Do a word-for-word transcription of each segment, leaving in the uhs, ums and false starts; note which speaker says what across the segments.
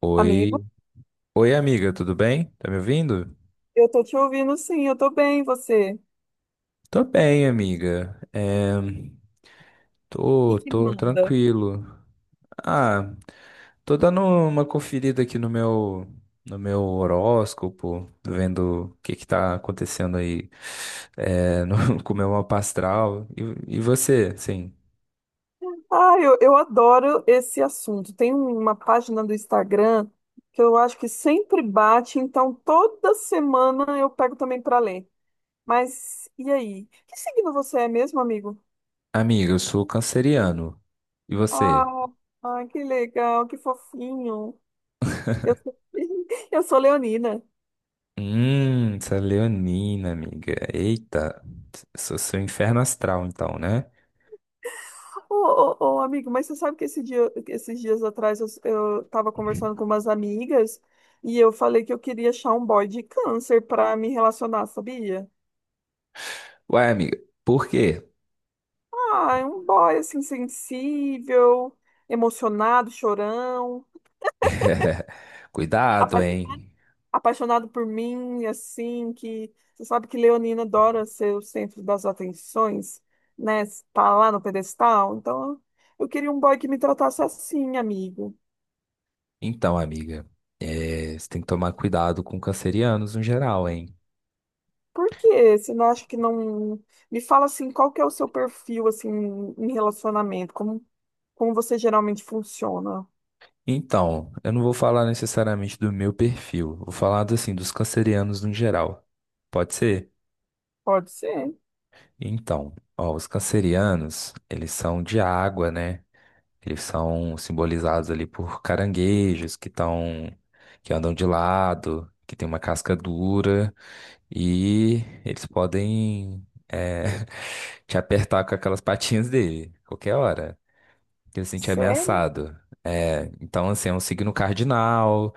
Speaker 1: Oi,
Speaker 2: Amigo,
Speaker 1: oi amiga, tudo bem? Tá me ouvindo?
Speaker 2: eu tô te ouvindo sim, eu tô bem, e você?
Speaker 1: Tô bem, amiga. É,
Speaker 2: E
Speaker 1: tô,
Speaker 2: que
Speaker 1: tô
Speaker 2: manda?
Speaker 1: tranquilo. Ah, tô dando uma conferida aqui no meu, no meu horóscopo, vendo o que que tá acontecendo aí, é, no, com o meu mapa astral. E, e você, sim?
Speaker 2: Ah, eu, eu adoro esse assunto. Tem uma página do Instagram que eu acho que sempre bate, então toda semana eu pego também para ler. Mas e aí? Que signo você é mesmo, amigo?
Speaker 1: Amiga, eu sou canceriano. E você?
Speaker 2: Ah, ah, que legal, que fofinho. Eu sou, eu sou leonina.
Speaker 1: Hum, essa leonina, amiga. Eita, sou seu inferno astral, então, né?
Speaker 2: Ô, ô, ô, amigo, mas você sabe que esse dia, esses dias atrás eu, eu tava conversando com umas amigas e eu falei que eu queria achar um boy de câncer pra me relacionar, sabia?
Speaker 1: Ué, amiga, por quê?
Speaker 2: Ah, é um boy assim, sensível, emocionado, chorão,
Speaker 1: Cuidado,
Speaker 2: apa-
Speaker 1: hein?
Speaker 2: apaixonado por mim, assim, que você sabe que leonina adora ser o centro das atenções, né? Tá lá no pedestal. Então, eu queria um boy que me tratasse assim, amigo.
Speaker 1: Então, amiga, é, você tem que tomar cuidado com cancerianos no geral, hein?
Speaker 2: Por quê? Você não acha que não. Me fala assim, qual que é o seu perfil assim em relacionamento? Como, como você geralmente funciona?
Speaker 1: Então, eu não vou falar necessariamente do meu perfil, vou falar assim dos cancerianos no geral. Pode ser?
Speaker 2: Pode ser.
Speaker 1: Então, ó, os cancerianos, eles são de água, né? Eles são simbolizados ali por caranguejos que estão, que andam de lado, que tem uma casca dura e eles podem eh, te apertar com aquelas patinhas dele, qualquer hora, que ele se sentir
Speaker 2: Sério?
Speaker 1: ameaçado. É, então, assim, é um signo cardinal,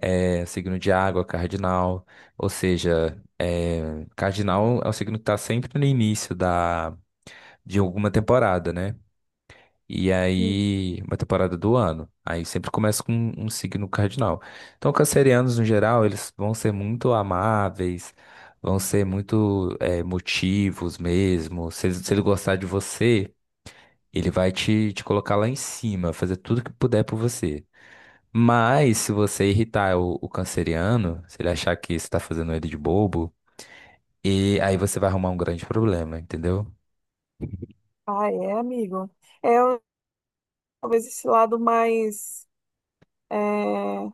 Speaker 1: é signo de água cardinal, ou seja, eh, cardinal é o signo que está sempre no início da, de alguma temporada, né? E aí, uma temporada do ano. Aí sempre começa com um um signo cardinal. Então, cancerianos, no geral, eles vão ser muito amáveis, vão ser muito eh, motivos mesmo. Se ele, se ele gostar de você, ele vai te, te colocar lá em cima, fazer tudo que puder por você. Mas, se você irritar o, o canceriano, se ele achar que você está fazendo ele de bobo, e aí você vai arrumar um grande problema, entendeu?
Speaker 2: Ah, é, amigo. É talvez esse lado mais. é,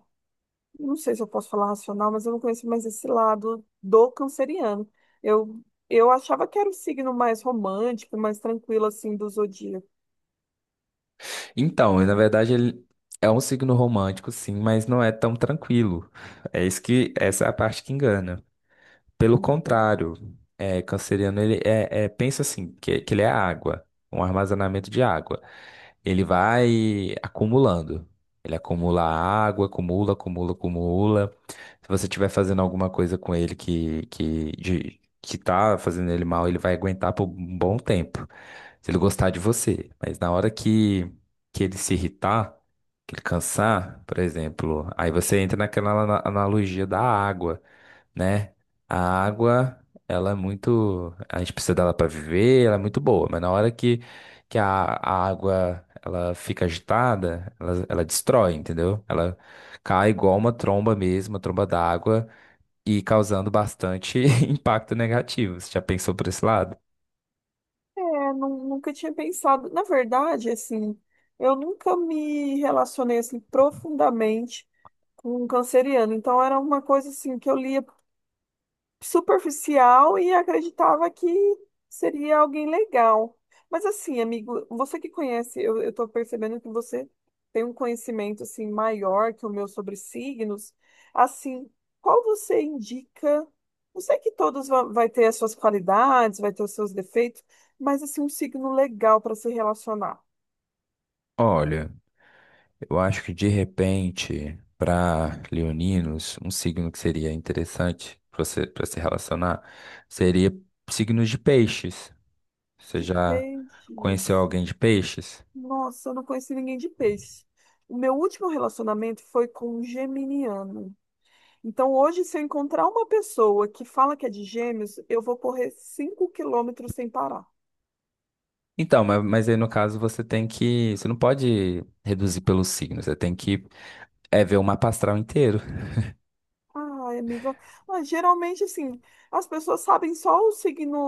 Speaker 2: Não sei se eu posso falar racional, mas eu não conheço mais esse lado do canceriano. Eu, eu achava que era o signo mais romântico, mais tranquilo assim do zodíaco.
Speaker 1: Então, na verdade, ele é um signo romântico, sim, mas não é tão tranquilo. É isso que, essa é a parte que engana. Pelo contrário, é, canceriano, ele é, é- pensa assim, que, que ele é água, um armazenamento de água. Ele vai acumulando. Ele acumula água, acumula, acumula, acumula. Se você estiver fazendo alguma coisa com ele que, que, de, que tá fazendo ele mal, ele vai aguentar por um bom tempo. Se ele gostar de você. Mas na hora que, que ele se irritar, que ele cansar, por exemplo, aí você entra naquela ana- analogia da água né? A água, ela é muito, a gente precisa dela para viver, ela é muito boa, mas na hora que, que a, a água ela fica agitada, ela, ela destrói, entendeu? Ela cai igual uma tromba mesmo, uma tromba d'água, e causando bastante impacto negativo. Você já pensou por esse lado?
Speaker 2: É, nu- nunca tinha pensado. Na verdade, assim, eu nunca me relacionei assim profundamente com um canceriano. Então era uma coisa assim que eu lia superficial e acreditava que seria alguém legal. Mas assim, amigo, você que conhece, eu, eu tô percebendo que você tem um conhecimento assim maior que o meu sobre signos. Assim, qual você indica? Eu sei que todos vão, vai ter as suas qualidades, vai ter os seus defeitos, mas assim, um signo legal para se relacionar.
Speaker 1: Olha, eu acho que de repente, para leoninos, um signo que seria interessante para você, para se relacionar seria signos de peixes. Você
Speaker 2: De
Speaker 1: já
Speaker 2: peixes.
Speaker 1: conheceu alguém de peixes?
Speaker 2: Nossa, eu não conheci ninguém de peixe. O meu último relacionamento foi com um geminiano. Então, hoje, se eu encontrar uma pessoa que fala que é de gêmeos, eu vou correr cinco quilômetros sem parar.
Speaker 1: Então, mas, mas aí no caso você tem que. Você não pode reduzir pelo signo, você tem que é, ver o mapa astral inteiro.
Speaker 2: Ai, amiga. Ah, geralmente, assim, as pessoas sabem só o signo,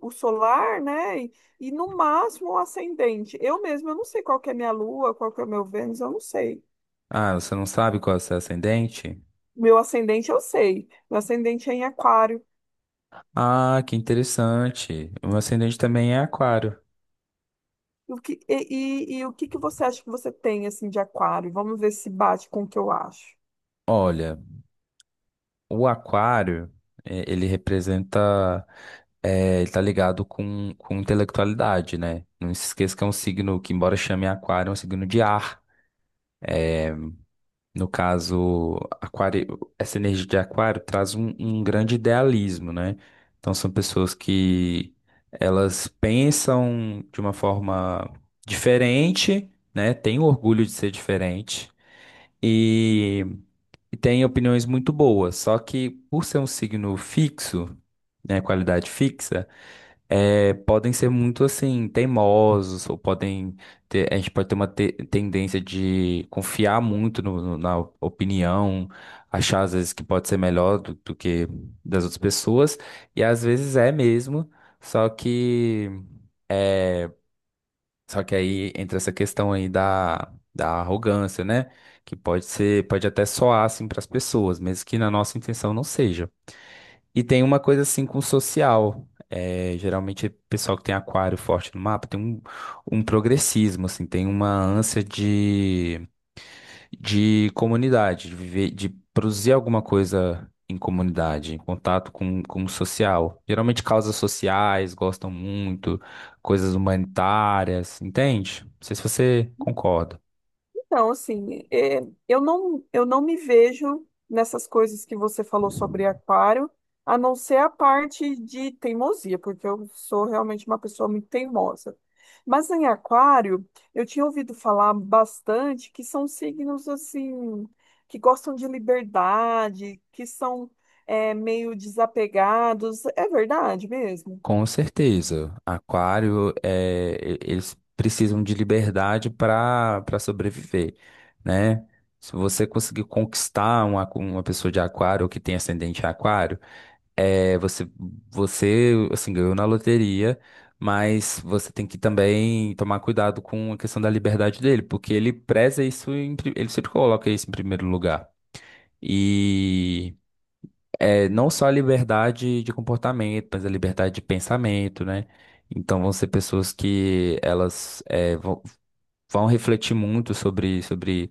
Speaker 2: o, o solar, né? E, e, no máximo o ascendente. Eu mesma, eu não sei qual que é minha lua, qual que é o meu Vênus, eu não sei.
Speaker 1: Ah, você não sabe qual é o seu ascendente?
Speaker 2: Meu ascendente, eu sei. Meu ascendente é em aquário.
Speaker 1: Ah, que interessante. O meu ascendente também é aquário.
Speaker 2: E O que, e, e, e o que que você acha que você tem, assim, de aquário? Vamos ver se bate com o que eu acho.
Speaker 1: Olha, o aquário, eh, ele representa. Eh, ele tá ligado com, com intelectualidade, né? Não se esqueça que é um signo que, embora chame aquário, é um signo de ar. No caso, aquário, essa energia de aquário traz um, um grande idealismo, né? Então são pessoas que elas pensam de uma forma diferente, né? Têm orgulho de ser diferente e, e têm opiniões muito boas. Só que por ser um signo fixo, né? Qualidade fixa, é, podem ser muito assim teimosos ou podem ter, a gente pode ter uma te- tendência de confiar muito no- no- na opinião, achar às vezes que pode ser melhor do, do que das outras pessoas e às vezes é mesmo, só que é, só que aí entra essa questão aí da da arrogância, né? Que pode ser, pode até soar assim para as pessoas, mesmo que na nossa intenção não seja. E tem uma coisa assim com social. É, geralmente, o pessoal que tem aquário forte no mapa tem um, um progressismo, assim, tem uma ânsia de, de comunidade, de viver, de produzir alguma coisa em comunidade, em contato com, com o social. Geralmente, causas sociais gostam muito, coisas humanitárias, entende? Não sei se você concorda.
Speaker 2: Então, assim, é, eu não, eu não me vejo nessas coisas que você falou sobre aquário, a não ser a parte de teimosia, porque eu sou realmente uma pessoa muito teimosa. Mas em aquário, eu tinha ouvido falar bastante que são signos, assim, que gostam de liberdade, que são, é, meio desapegados. É verdade mesmo?
Speaker 1: Com certeza. Aquário, é, e- eles precisam de liberdade para para sobreviver, né? Se você conseguir conquistar uma, uma pessoa de aquário ou que tem ascendente em aquário, é, você, você assim, ganhou na loteria, mas você tem que também tomar cuidado com a questão da liberdade dele, porque ele preza isso, em pri- ele sempre coloca isso em primeiro lugar. E é, não só a liberdade de comportamento, mas a liberdade de pensamento, né? Então vão ser pessoas que elas é, vão, vão refletir muito sobre, sobre,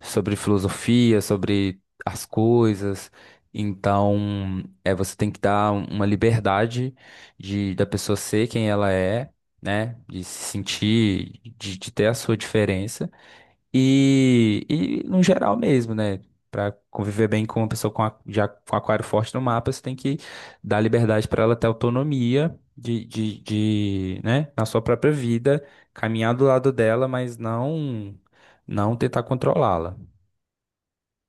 Speaker 1: sobre filosofia, sobre as coisas. Então é, você tem que dar uma liberdade de, da pessoa ser quem ela é, né? De se sentir, de, de ter a sua diferença. E, e no geral mesmo, né? Pra conviver bem com uma pessoa com a- já com aquário forte no mapa, você tem que dar liberdade para ela ter autonomia de, de, de, né? Na sua própria vida, caminhar do lado dela, mas não, não tentar controlá-la.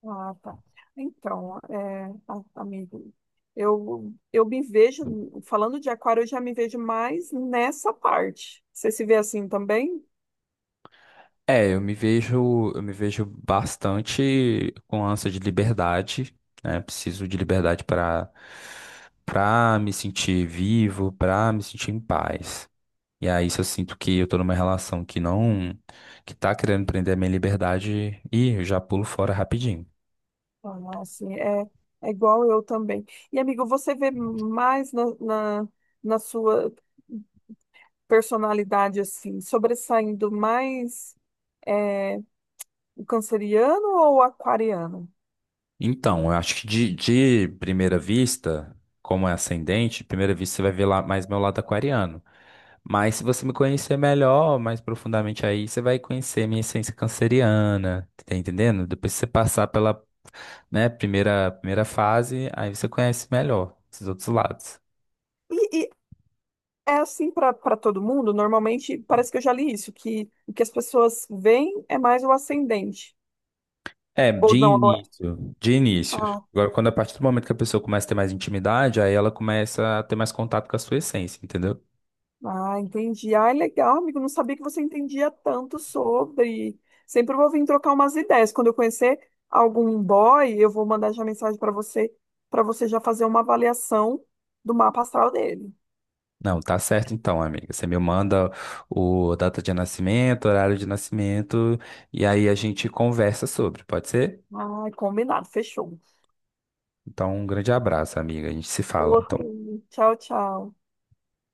Speaker 2: Ah, tá. Então, é, a- amigo, eu, eu me vejo, falando de aquário, eu já me vejo mais nessa parte. Você se vê assim também?
Speaker 1: É, eu me vejo, eu me vejo bastante com ânsia de liberdade, né? Preciso de liberdade para para me sentir vivo, para me sentir em paz. E aí, se eu sinto que eu tô numa relação que não, que tá querendo prender a minha liberdade, e eu já pulo fora rapidinho.
Speaker 2: Ah, assim, é, é igual eu também. E, amigo, você vê mais na, na, na sua personalidade, assim, sobressaindo mais é, o canceriano ou o aquariano?
Speaker 1: Então, eu acho que de, de primeira vista, como é ascendente, de primeira vista você vai ver lá mais meu lado aquariano. Mas se você me conhecer melhor, mais profundamente aí, você vai conhecer minha essência canceriana, tá entendendo? Depois que você passar pela, né, primeira, primeira fase, aí você conhece melhor esses outros lados.
Speaker 2: E, é assim para para todo mundo, normalmente parece que eu já li isso, que o que as pessoas veem é mais o ascendente.
Speaker 1: É,
Speaker 2: Ou
Speaker 1: de
Speaker 2: não, ou é-
Speaker 1: início, de início.
Speaker 2: ah,
Speaker 1: Agora, quando a partir do momento que a pessoa começa a ter mais intimidade, aí ela começa a ter mais contato com a sua essência, entendeu?
Speaker 2: ah, entendi. Ah, é legal, amigo, não sabia que você entendia tanto sobre. Sempre vou vir trocar umas ideias. Quando eu conhecer algum boy, eu vou mandar já mensagem para você, para você já fazer uma avaliação do mapa astral dele.
Speaker 1: Não, tá certo então, amiga. Você me manda o data de nascimento, horário de nascimento, e aí a gente conversa sobre, pode ser?
Speaker 2: Ah, combinado, fechou.
Speaker 1: Então, um grande abraço, amiga. A gente se fala. Então,
Speaker 2: Outro. Tchau, tchau.